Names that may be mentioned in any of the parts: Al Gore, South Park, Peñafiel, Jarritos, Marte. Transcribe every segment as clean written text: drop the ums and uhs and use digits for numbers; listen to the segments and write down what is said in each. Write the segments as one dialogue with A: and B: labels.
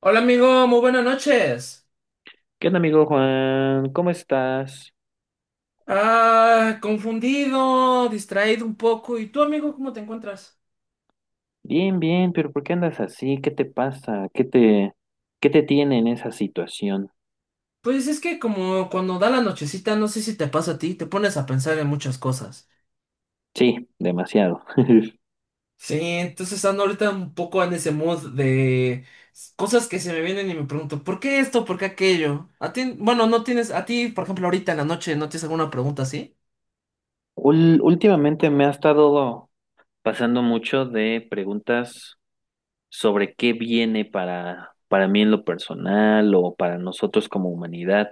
A: Hola amigo, muy buenas noches.
B: ¿Qué onda, amigo Juan? ¿Cómo estás?
A: Ah, confundido, distraído un poco. ¿Y tú amigo, cómo te encuentras?
B: Bien, bien, pero ¿por qué andas así? ¿Qué te pasa? ¿Qué te tiene en esa situación?
A: Pues es que como cuando da la nochecita, no sé si te pasa a ti, te pones a pensar en muchas cosas.
B: Sí, demasiado.
A: Sí, entonces ando ahorita un poco en ese mood de cosas que se me vienen y me pregunto, ¿por qué esto? ¿Por qué aquello? A ti, bueno, no tienes, a ti, por ejemplo, ahorita en la noche, ¿no tienes alguna pregunta así?
B: Últimamente me ha estado pasando mucho de preguntas sobre qué viene para mí en lo personal o para nosotros como humanidad.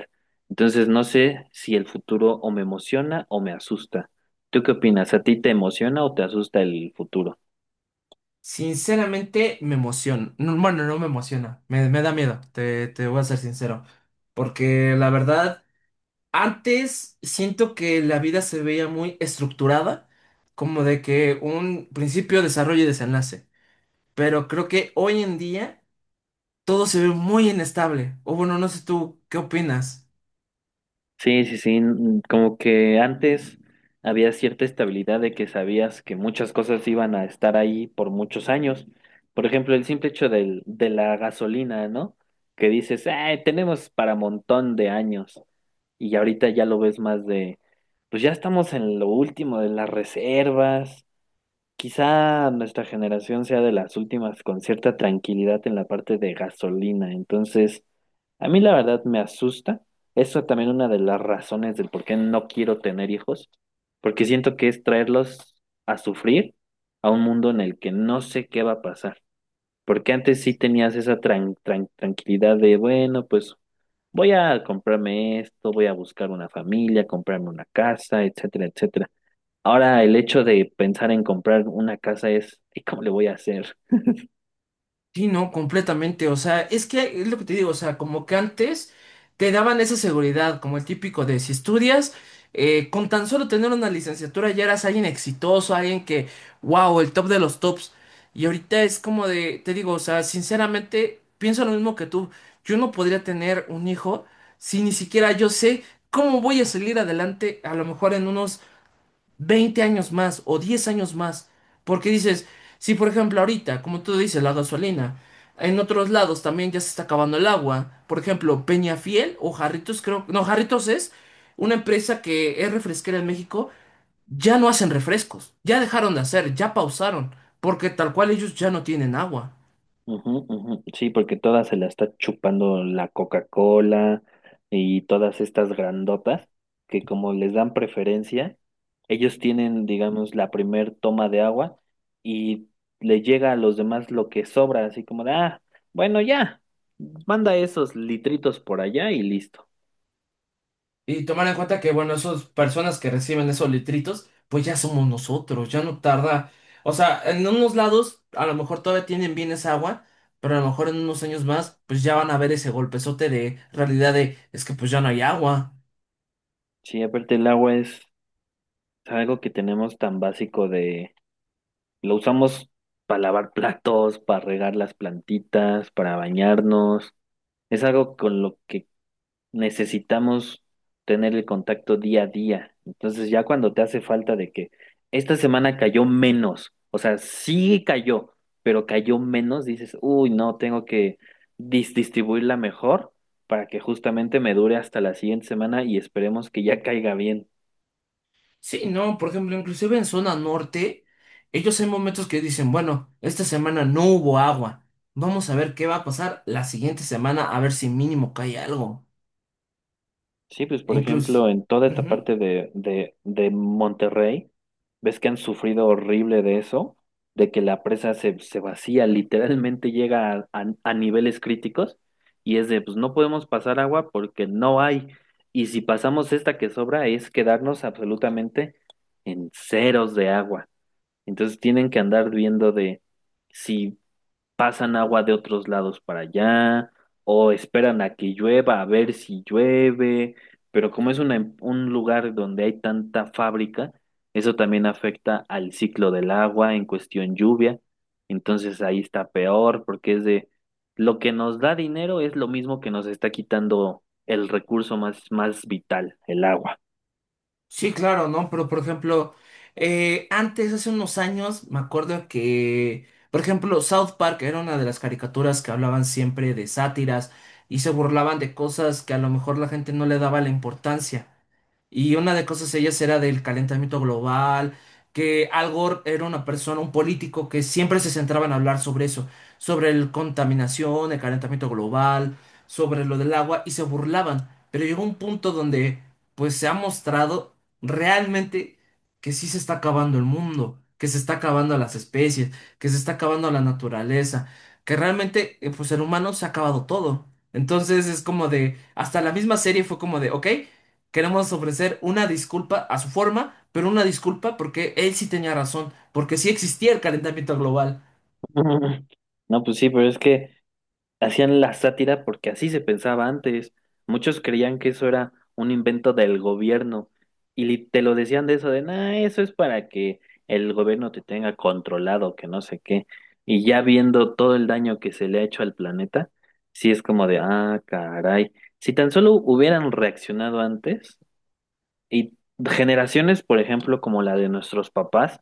B: Entonces no sé si el futuro o me emociona o me asusta. ¿Tú qué opinas? ¿A ti te emociona o te asusta el futuro?
A: Sinceramente me emociona. No, bueno, no me emociona, me da miedo, te voy a ser sincero. Porque la verdad... Antes siento que la vida se veía muy estructurada, como de que un principio, desarrollo y desenlace. Pero creo que hoy en día todo se ve muy inestable. O bueno, no sé tú, ¿qué opinas?
B: Sí, sí, sí, como que antes había cierta estabilidad de que sabías que muchas cosas iban a estar ahí por muchos años. Por ejemplo, el simple hecho de la gasolina, ¿no? Que dices, "Ay, tenemos para montón de años". Y ahorita ya lo ves más de, pues ya estamos en lo último de las reservas. Quizá nuestra generación sea de las últimas con cierta tranquilidad en la parte de gasolina, entonces a mí la verdad me asusta. Eso también una de las razones del por qué no quiero tener hijos, porque siento que es traerlos a sufrir a un mundo en el que no sé qué va a pasar. Porque antes sí tenías esa tranquilidad de, bueno, pues voy a comprarme esto, voy a buscar una familia, comprarme una casa, etcétera, etcétera. Ahora el hecho de pensar en comprar una casa es, ¿y cómo le voy a hacer?
A: Sí, no, completamente. O sea, es que es lo que te digo, o sea, como que antes te daban esa seguridad, como el típico de si estudias, con tan solo tener una licenciatura ya eras alguien exitoso, alguien que, wow, el top de los tops. Y ahorita es como de, te digo, o sea, sinceramente, pienso lo mismo que tú. Yo no podría tener un hijo si ni siquiera yo sé cómo voy a salir adelante, a lo mejor en unos 20 años más o 10 años más. Porque dices, si por ejemplo ahorita, como tú dices, la gasolina, en otros lados también ya se está acabando el agua. Por ejemplo, Peñafiel o Jarritos, creo, no, Jarritos es una empresa que es refresquera en México, ya no hacen refrescos, ya dejaron de hacer, ya pausaron, porque tal cual ellos ya no tienen agua.
B: Ujú, ujú. Sí, porque todas se la está chupando la Coca-Cola y todas estas grandotas que como les dan preferencia, ellos tienen, digamos, la primer toma de agua y le llega a los demás lo que sobra, así como de, ah, bueno, ya, manda esos litritos por allá y listo.
A: Y tomar en cuenta que, bueno, esas personas que reciben esos litritos, pues ya somos nosotros, ya no tarda. O sea, en unos lados a lo mejor todavía tienen bien esa agua, pero a lo mejor en unos años más, pues ya van a ver ese golpezote de realidad de, es que pues ya no hay agua.
B: Sí, aparte el agua es algo que tenemos tan básico de. Lo usamos para lavar platos, para regar las plantitas, para bañarnos. Es algo con lo que necesitamos tener el contacto día a día. Entonces ya cuando te hace falta de que esta semana cayó menos, o sea, sí cayó, pero cayó menos, dices, uy, no, tengo que distribuirla mejor para que justamente me dure hasta la siguiente semana y esperemos que ya caiga bien.
A: Sí, no, por ejemplo, inclusive en zona norte, ellos hay momentos que dicen, bueno, esta semana no hubo agua, vamos a ver qué va a pasar la siguiente semana, a ver si mínimo cae algo.
B: Sí, pues por
A: Incluso...
B: ejemplo, en toda esta parte de Monterrey, ves que han sufrido horrible de eso, de que la presa se vacía, literalmente llega a niveles críticos y es de, pues no podemos pasar agua porque no hay. Y si pasamos esta que sobra es quedarnos absolutamente en ceros de agua. Entonces tienen que andar viendo de si pasan agua de otros lados para allá, o esperan a que llueva a ver si llueve, pero como es una un lugar donde hay tanta fábrica, eso también afecta al ciclo del agua en cuestión lluvia, entonces ahí está peor porque es de lo que nos da dinero es lo mismo que nos está quitando el recurso más, más vital, el agua.
A: Sí, claro, ¿no? Pero por ejemplo, antes, hace unos años, me acuerdo que, por ejemplo, South Park era una de las caricaturas que hablaban siempre de sátiras y se burlaban de cosas que a lo mejor la gente no le daba la importancia. Y una de cosas ellas era del calentamiento global, que Al Gore era una persona, un político que siempre se centraba en hablar sobre eso, sobre la contaminación, el calentamiento global, sobre lo del agua, y se burlaban. Pero llegó un punto donde, pues, se ha mostrado realmente que sí se está acabando el mundo, que se está acabando las especies, que se está acabando la naturaleza, que realmente, pues, el humano se ha acabado todo. Entonces es como de, hasta la misma serie fue como de, ok. Queremos ofrecer una disculpa a su forma, pero una disculpa porque él sí tenía razón, porque sí existía el calentamiento global.
B: No, pues sí, pero es que... Hacían la sátira porque así se pensaba antes. Muchos creían que eso era un invento del gobierno y te lo decían de eso de, nah, eso es para que el gobierno te tenga controlado, que no sé qué. Y ya viendo todo el daño que se le ha hecho al planeta, sí es como de, ah, caray, si tan solo hubieran reaccionado antes. Y generaciones, por ejemplo, como la de nuestros papás,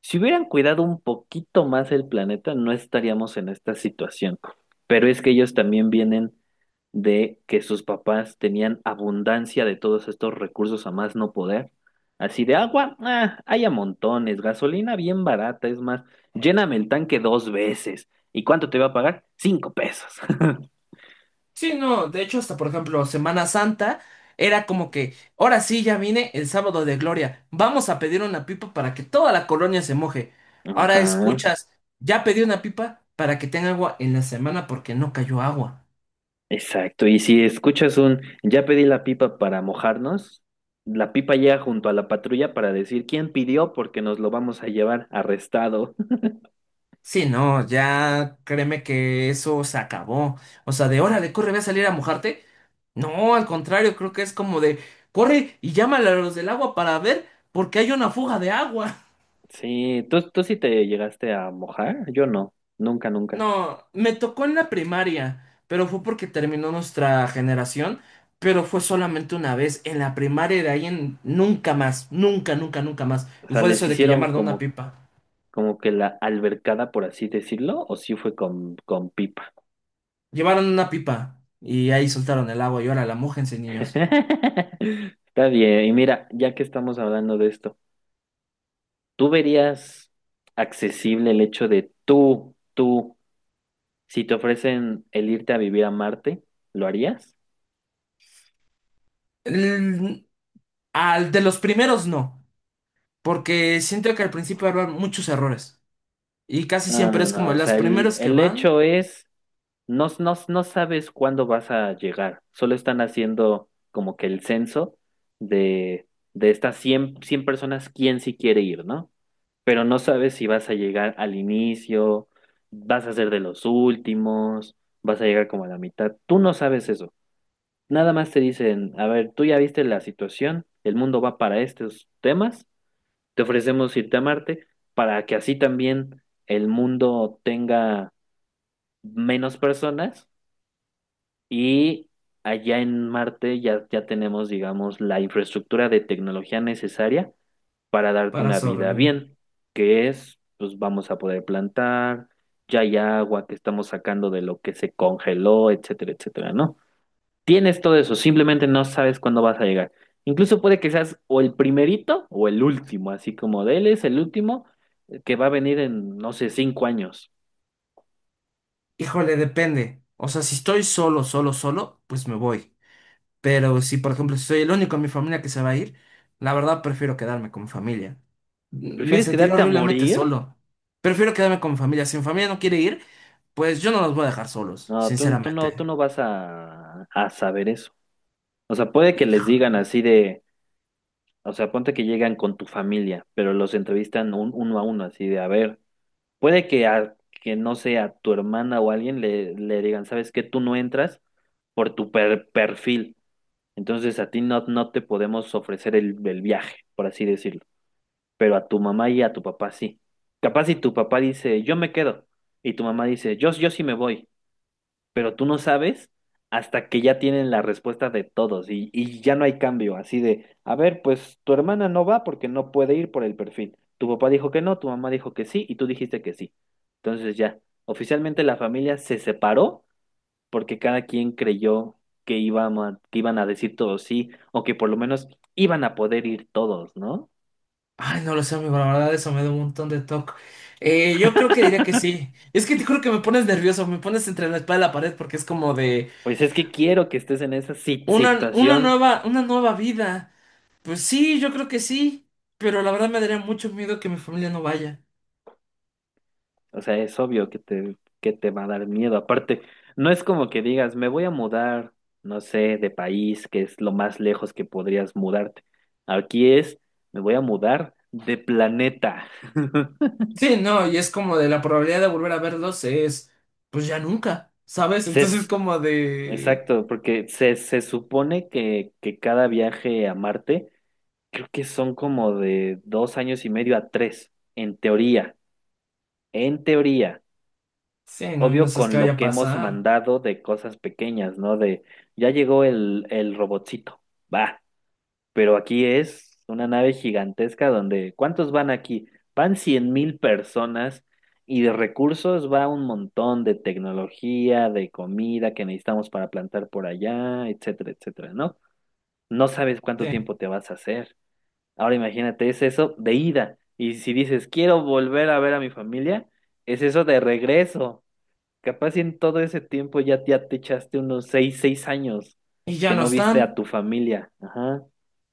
B: si hubieran cuidado un poquito más el planeta, no estaríamos en esta situación. Pero es que ellos también vienen de que sus papás tenían abundancia de todos estos recursos a más no poder. Así de agua, ah, hay a montones, gasolina bien barata, es más, lléname el tanque dos veces. ¿Y cuánto te va a pagar? 5 pesos.
A: Sí, no, de hecho, hasta por ejemplo, Semana Santa era como que, ahora sí, ya vine el sábado de gloria, vamos a pedir una pipa para que toda la colonia se moje. Ahora
B: Ajá.
A: escuchas, ya pedí una pipa para que tenga agua en la semana porque no cayó agua.
B: Exacto, y si escuchas un ya pedí la pipa para mojarnos, la pipa llega junto a la patrulla para decir quién pidió porque nos lo vamos a llevar arrestado.
A: Sí, no, ya créeme que eso se acabó. O sea, de órale, corre, ve a salir a mojarte. No, al contrario, creo que es como de corre y llámale a los del agua para ver porque hay una fuga de agua.
B: Sí, ¿tú sí te llegaste a mojar? Yo no, nunca, nunca.
A: No, me tocó en la primaria, pero fue porque terminó nuestra generación, pero fue solamente una vez en la primaria y de ahí en nunca más, nunca, nunca, nunca más.
B: O
A: Y
B: sea,
A: fue
B: ¿les
A: eso de que
B: hicieron
A: llamaron a una
B: como,
A: pipa.
B: como que la albercada, por así decirlo, o sí fue con pipa?
A: Llevaron una pipa y ahí soltaron el agua y ahora la mójense, niños.
B: Está bien, y mira, ya que estamos hablando de esto, ¿tú verías accesible el hecho de tú? Si te ofrecen el irte a vivir a Marte, ¿lo harías?
A: Al de los primeros no, porque siento que al principio habrá muchos errores y casi
B: No,
A: siempre
B: no,
A: es como
B: no. O
A: los
B: sea, el,
A: primeros que
B: el
A: van
B: hecho es, no, no, no sabes cuándo vas a llegar. Solo están haciendo como que el censo de, de estas cien personas, quién sí quiere ir, ¿no? Pero no sabes si vas a llegar al inicio, vas a ser de los últimos, vas a llegar como a la mitad. Tú no sabes eso. Nada más te dicen, a ver, tú ya viste la situación, el mundo va para estos temas. Te ofrecemos irte a Marte para que así también el mundo tenga menos personas y allá en Marte ya tenemos, digamos, la infraestructura de tecnología necesaria para darte
A: para
B: una
A: solo.
B: vida
A: ¿Eh?
B: bien, que es, pues vamos a poder plantar, ya hay agua que estamos sacando de lo que se congeló, etcétera, etcétera, ¿no? Tienes todo eso, simplemente no sabes cuándo vas a llegar. Incluso puede que seas o el primerito o el último, así como de él es el último que va a venir en, no sé, 5 años.
A: Híjole, depende. O sea, si estoy solo, solo, solo, pues me voy. Pero si, por ejemplo, si soy el único en mi familia que se va a ir, la verdad prefiero quedarme con mi familia. Me
B: ¿Prefieres
A: sentiré
B: quedarte a
A: horriblemente
B: morir?
A: solo. Prefiero quedarme con mi familia. Si mi familia no quiere ir, pues yo no los voy a dejar solos,
B: No, tú no, tú
A: sinceramente.
B: no vas a saber eso. O sea, puede que les digan así de, o sea, ponte que llegan con tu familia, pero los entrevistan uno a uno, así de, a ver, puede que que no sea tu hermana o alguien le digan, ¿sabes qué? Tú no entras por tu perfil. Entonces a ti no te podemos ofrecer el viaje, por así decirlo, pero a tu mamá y a tu papá sí. Capaz si tu papá dice, yo me quedo, y tu mamá dice, yo sí me voy, pero tú no sabes hasta que ya tienen la respuesta de todos y ya no hay cambio, así de, a ver, pues tu hermana no va porque no puede ir por el perfil. Tu papá dijo que no, tu mamá dijo que sí y tú dijiste que sí. Entonces ya, oficialmente la familia se separó porque cada quien creyó que que iban a decir todos sí, o que por lo menos iban a poder ir todos, ¿no?
A: Ay, no lo sé, amigo, la verdad eso me da un montón de toque. Yo creo que diría que sí. Es que te juro que me pones nervioso, me pones entre la espada y la pared porque es como de
B: Pues es que quiero que estés en esa
A: una
B: situación,
A: nueva, una nueva vida. Pues sí, yo creo que sí, pero la verdad me daría mucho miedo que mi familia no vaya.
B: o sea, es obvio que te va a dar miedo. Aparte, no es como que digas, me voy a mudar, no sé, de país, que es lo más lejos que podrías mudarte. Aquí es, me voy a mudar de planeta.
A: Sí, no, y es como de la probabilidad de volver a verlos es, pues ya nunca, ¿sabes?
B: Se,
A: Entonces es
B: s-
A: como de,
B: exacto, porque se supone que cada viaje a Marte creo que son como de 2 años y medio a tres, en teoría, en teoría.
A: sí, no, no
B: Obvio
A: sabes qué
B: con
A: vaya
B: lo
A: a
B: que hemos
A: pasar.
B: mandado de cosas pequeñas, ¿no? De ya llegó el robotcito, va, pero aquí es una nave gigantesca donde, ¿cuántos van aquí? Van 100.000 personas y de recursos va un montón de tecnología, de comida que necesitamos para plantar por allá, etcétera, etcétera, ¿no? No sabes
A: Sí.
B: cuánto tiempo te vas a hacer. Ahora imagínate, es eso de ida. Y si dices, quiero volver a ver a mi familia, es eso de regreso. Capaz y en todo ese tiempo ya te echaste unos seis años
A: Y ya
B: que
A: no
B: no viste a
A: están.
B: tu familia. Ajá.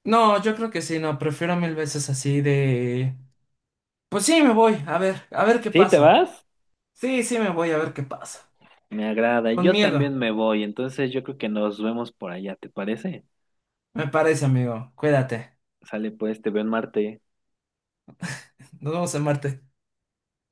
A: No, yo creo que sí, no, prefiero mil veces así de... Pues sí, me voy, a ver qué
B: ¿Sí, te
A: pasa.
B: vas?
A: Sí, sí, me voy, a ver qué pasa.
B: Me agrada.
A: Con
B: Yo
A: miedo,
B: también me voy. Entonces yo creo que nos vemos por allá, ¿te parece?
A: me parece, amigo. Cuídate.
B: Sale pues, te veo en Marte.
A: Nos vemos en Marte.